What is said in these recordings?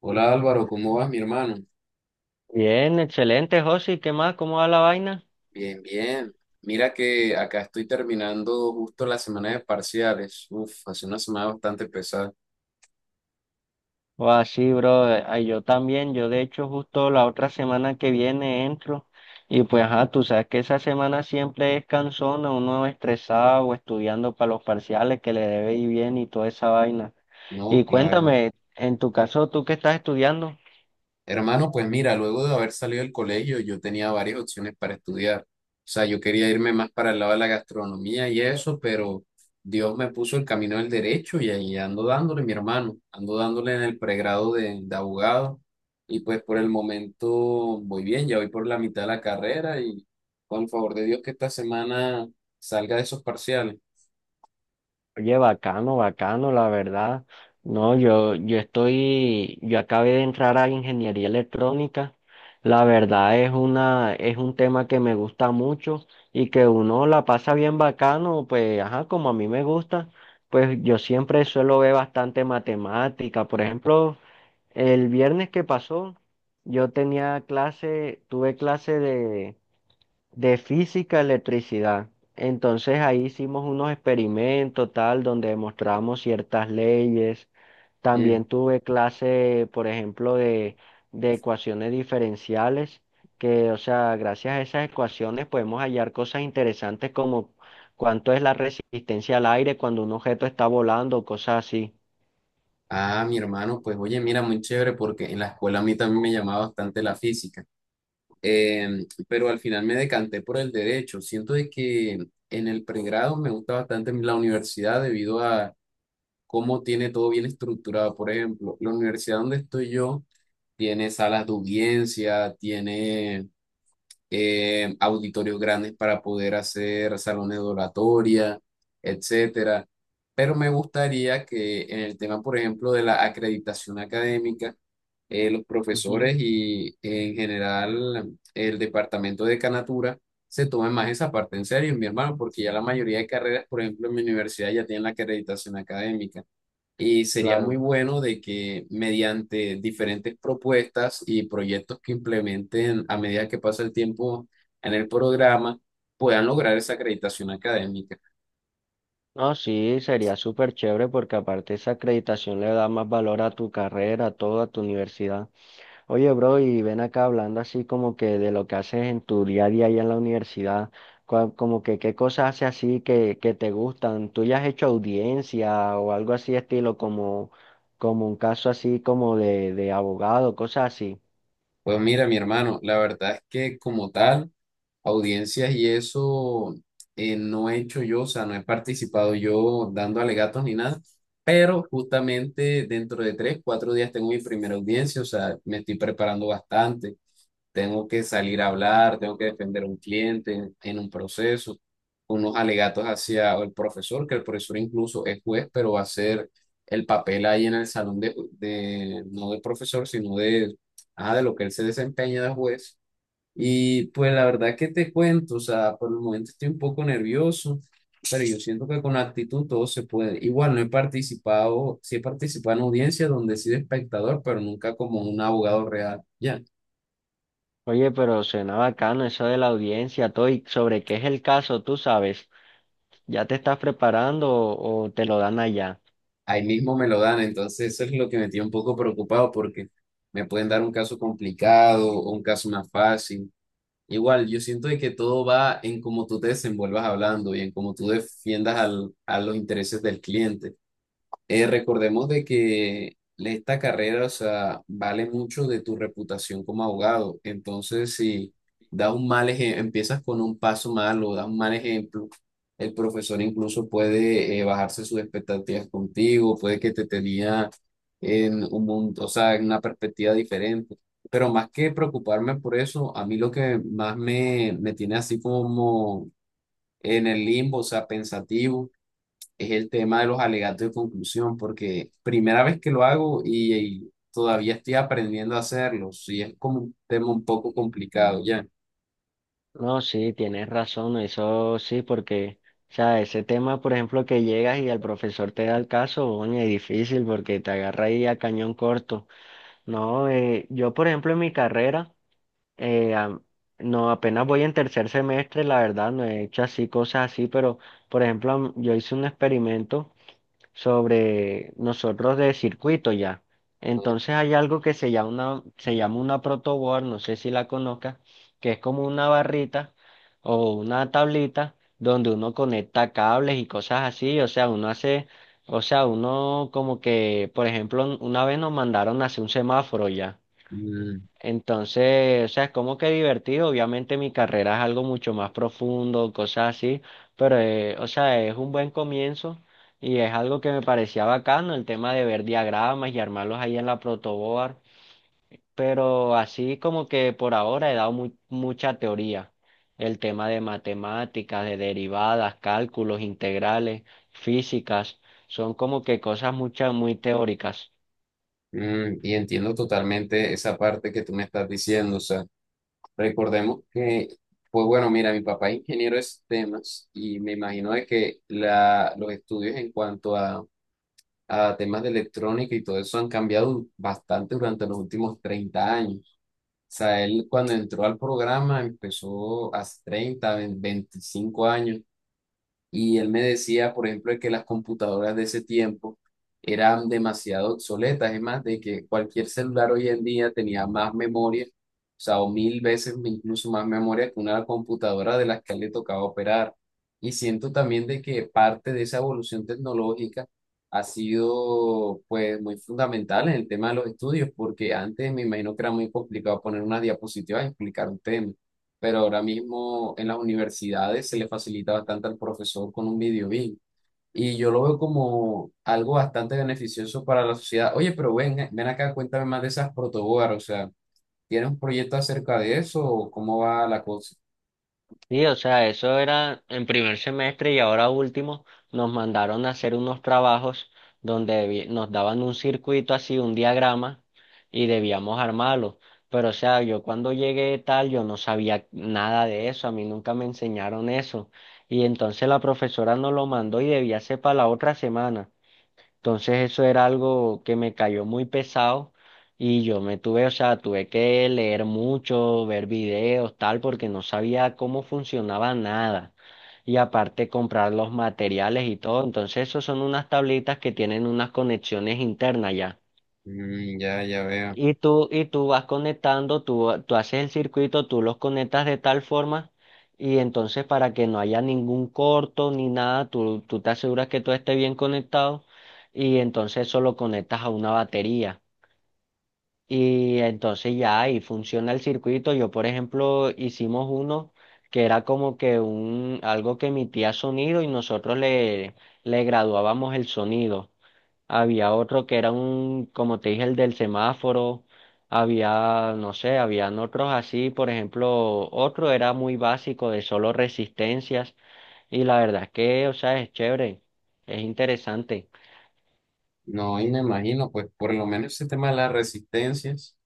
Hola Álvaro, ¿cómo vas, mi hermano? Bien, excelente, José. ¿Qué más? ¿Cómo va la vaina? Bien, bien. Mira que acá estoy terminando justo la semana de parciales. Uf, hace una semana bastante pesada. O así, bro. Ay, yo también. Yo, de hecho, justo la otra semana que viene entro. Y pues, ajá, tú sabes que esa semana siempre es cansona, uno estresado o estudiando para los parciales que le debe ir bien y toda esa vaina. No, Y claro. cuéntame, en tu caso, ¿tú qué estás estudiando? Hermano, pues mira, luego de haber salido del colegio, yo tenía varias opciones para estudiar. O sea, yo quería irme más para el lado de la gastronomía y eso, pero Dios me puso el camino del derecho y ahí ando dándole, mi hermano, ando dándole en el pregrado de abogado. Y pues por el momento voy bien, ya voy por la mitad de la carrera y con el favor de Dios que esta semana salga de esos parciales. Oye, bacano, bacano, la verdad. No, yo estoy, yo acabé de entrar a ingeniería electrónica. La verdad es una, es un tema que me gusta mucho y que uno la pasa bien bacano, pues, ajá, como a mí me gusta, pues yo siempre suelo ver bastante matemática. Por ejemplo, el viernes que pasó, yo tenía clase, tuve clase de física, electricidad. Entonces ahí hicimos unos experimentos tal, donde demostramos ciertas leyes. Mm. También tuve clase, por ejemplo, de ecuaciones diferenciales, que, o sea, gracias a esas ecuaciones podemos hallar cosas interesantes como cuánto es la resistencia al aire cuando un objeto está volando, cosas así. Ah, mi hermano, pues oye, mira, muy chévere porque en la escuela a mí también me llamaba bastante la física. Pero al final me decanté por el derecho. Siento de que en el pregrado me gusta bastante la universidad debido a cómo tiene todo bien estructurado. Por ejemplo, la universidad donde estoy yo tiene salas de audiencia, tiene auditorios grandes para poder hacer salones de oratoria, etcétera. Pero me gustaría que en el tema, por ejemplo, de la acreditación académica, los Ujú, profesores y en general el departamento de Canatura se tomen más esa parte en serio, mi hermano, porque ya la mayoría de carreras, por ejemplo, en mi universidad ya tienen la acreditación académica. Y sería muy claro. bueno de que mediante diferentes propuestas y proyectos que implementen a medida que pasa el tiempo en el programa, puedan lograr esa acreditación académica. No, sí, sería súper chévere porque aparte esa acreditación le da más valor a tu carrera, a toda tu universidad. Oye, bro, y ven acá hablando así como que de lo que haces en tu día a día allá en la universidad, como que qué cosas haces así que te gustan. ¿Tú ya has hecho audiencia o algo así estilo como, como un caso así como de abogado, cosas así? Pues mira, mi hermano, la verdad es que como tal, audiencias y eso no he hecho yo, o sea, no he participado yo dando alegatos ni nada, pero justamente dentro de 3, 4 días tengo mi primera audiencia, o sea, me estoy preparando bastante, tengo que salir a hablar, tengo que defender a un cliente en un proceso, unos alegatos hacia el profesor, que el profesor incluso es juez, pero va a ser el papel ahí en el salón de no de profesor, sino de, ah, de lo que él se desempeña de juez y pues la verdad que te cuento, o sea, por el momento estoy un poco nervioso, pero yo siento que con actitud todo se puede. Igual no he participado, sí he participado en audiencias donde he sido espectador, pero nunca como un abogado real. Ya, Oye, pero suena bacano eso de la audiencia, todo, y sobre qué es el caso, tú sabes, ¿ya te estás preparando o te lo dan allá? ahí mismo me lo dan, entonces eso es lo que me tiene un poco preocupado porque me pueden dar un caso complicado o un caso más fácil. Igual, yo siento de que todo va en cómo tú te desenvuelvas hablando y en cómo tú defiendas al, a los intereses del cliente. Recordemos de que esta carrera, o sea, vale mucho de tu reputación como abogado. Entonces, si das un mal ejemplo, empiezas con un paso malo, das un mal ejemplo, el profesor incluso puede bajarse sus expectativas contigo, puede que te tenía en un mundo, o sea, en una perspectiva diferente. Pero más que preocuparme por eso, a mí lo que más me tiene así como en el limbo, o sea, pensativo es el tema de los alegatos de conclusión, porque primera vez que lo hago y todavía estoy aprendiendo a hacerlo, y es como un tema un poco complicado ya. No, sí, tienes razón, eso sí, porque, o sea, ese tema, por ejemplo, que llegas y el profesor te da el caso, oye, es difícil porque te agarra ahí a cañón corto. No, yo, por ejemplo, en mi carrera, eh, am- no, apenas voy en tercer semestre, la verdad, no he hecho así cosas así, pero, por ejemplo, yo hice un experimento sobre nosotros de circuito ya. Entonces hay algo que se llama una protoboard, no sé si la conozcas, que es como una barrita o una tablita donde uno conecta cables y cosas así, o sea, uno hace, o sea, uno como que, por ejemplo, una vez nos mandaron a hacer un semáforo ya. Mm, Entonces, o sea, es como que divertido. Obviamente mi carrera es algo mucho más profundo, cosas así, pero, o sea, es un buen comienzo y es algo que me parecía bacano, el tema de ver diagramas y armarlos ahí en la protoboard. Pero así como que por ahora he dado mucha teoría. El tema de matemáticas, de derivadas, cálculos integrales, físicas, son como que cosas muchas muy teóricas. Y entiendo totalmente esa parte que tú me estás diciendo, o sea, recordemos que, pues bueno, mira, mi papá es ingeniero de sistemas y me imagino de que la, los estudios en cuanto a temas de electrónica y todo eso han cambiado bastante durante los últimos 30 años. Sea, él cuando entró al programa empezó hace 30 20, 25 años y él me decía, por ejemplo, que las computadoras de ese tiempo eran demasiado obsoletas, es más, de que cualquier celular hoy en día tenía más memoria, o sea, o mil veces incluso más memoria que una computadora de las que a él le tocaba operar. Y siento también de que parte de esa evolución tecnológica ha sido pues muy fundamental en el tema de los estudios, porque antes me imagino que era muy complicado poner una diapositiva y explicar un tema, pero ahora mismo en las universidades se le facilita bastante al profesor con un video BIM. Y yo lo veo como algo bastante beneficioso para la sociedad. Oye, pero ven, ven acá, cuéntame más de esas protoboard, o sea, ¿tienes un proyecto acerca de eso o cómo va la cosa? Sí, o sea, eso era en primer semestre y ahora último nos mandaron a hacer unos trabajos donde nos daban un circuito así, un diagrama y debíamos armarlo. Pero o sea, yo cuando llegué tal, yo no sabía nada de eso, a mí nunca me enseñaron eso. Y entonces la profesora nos lo mandó y debía ser para la otra semana. Entonces eso era algo que me cayó muy pesado y yo me tuve, o sea, tuve que leer mucho, ver videos, tal, porque no sabía cómo funcionaba nada. Y aparte comprar los materiales y todo. Entonces esos son unas tablitas que tienen unas conexiones internas ya. Mm, ya, ya veo. Y tú vas conectando, tú haces el circuito, tú los conectas de tal forma y entonces para que no haya ningún corto ni nada, tú te aseguras que todo esté bien conectado y entonces eso lo conectas a una batería. Y entonces ya ahí funciona el circuito. Yo, por ejemplo, hicimos uno que era como que un, algo que emitía sonido y nosotros le, le graduábamos el sonido había otro que era un, como te dije, el del semáforo, había, no sé, habían otros así, por ejemplo, otro era muy básico de solo resistencias y la verdad es que, o sea, es chévere, es interesante. No, y me imagino, pues por lo menos ese tema de las resistencias.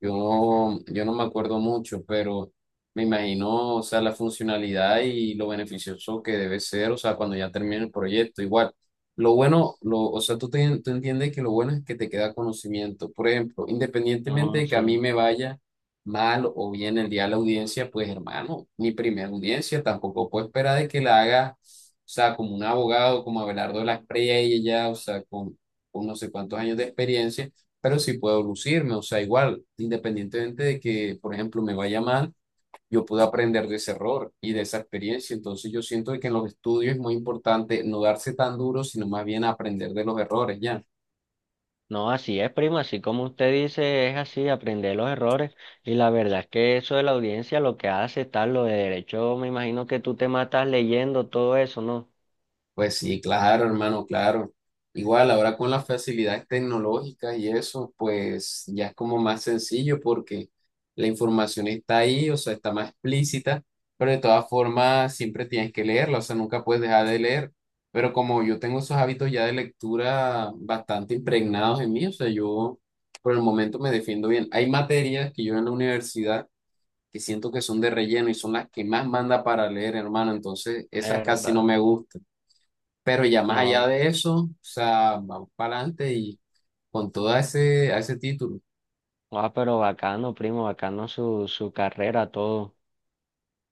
Yo, no, yo no me acuerdo mucho, pero me imagino, o sea, la funcionalidad y lo beneficioso que debe ser, o sea, cuando ya termine el proyecto, igual. Lo bueno, lo, o sea, tú, tú entiendes que lo bueno es que te queda conocimiento. Por ejemplo, independientemente No, de que a sí. mí me vaya mal o bien el día de la audiencia, pues hermano, mi primera audiencia tampoco puedo esperar de que la haga, o sea, como un abogado, como Abelardo de las Preyes, ya, o sea, con no sé cuántos años de experiencia, pero sí puedo lucirme, o sea, igual, independientemente de que, por ejemplo, me vaya mal, yo puedo aprender de ese error y de esa experiencia, entonces yo siento de que en los estudios es muy importante no darse tan duro, sino más bien aprender de los errores, ¿ya? No, así es, primo, así como usted dice, es así, aprender los errores y la verdad es que eso de la audiencia lo que hace está lo de derecho, me imagino que tú te matas leyendo todo eso, ¿no? Pues sí, claro, hermano, claro. Igual ahora con las facilidades tecnológicas y eso, pues ya es como más sencillo porque la información está ahí, o sea, está más explícita, pero de todas formas siempre tienes que leerla, o sea, nunca puedes dejar de leer. Pero como yo tengo esos hábitos ya de lectura bastante impregnados en mí, o sea, yo por el momento me defiendo bien. Hay materias que yo en la universidad que siento que son de relleno y son las que más manda para leer, hermano, entonces esas casi no ¿Verdad? me gustan. Pero ya más allá No. de eso, o sea, vamos para adelante y con todo ese, a ese título. Ah, pero bacano, primo, bacano su, su carrera, todo.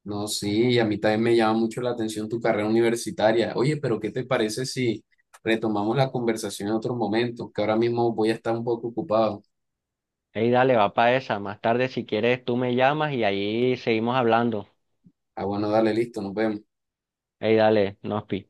No, sí, y a mí también me llama mucho la atención tu carrera universitaria. Oye, pero ¿qué te parece si retomamos la conversación en otro momento? Que ahora mismo voy a estar un poco ocupado. Ey, dale, va para esa. Más tarde, si quieres, tú me llamas y ahí seguimos hablando. Ah, bueno, dale, listo, nos vemos. Ey, dale, nos pi.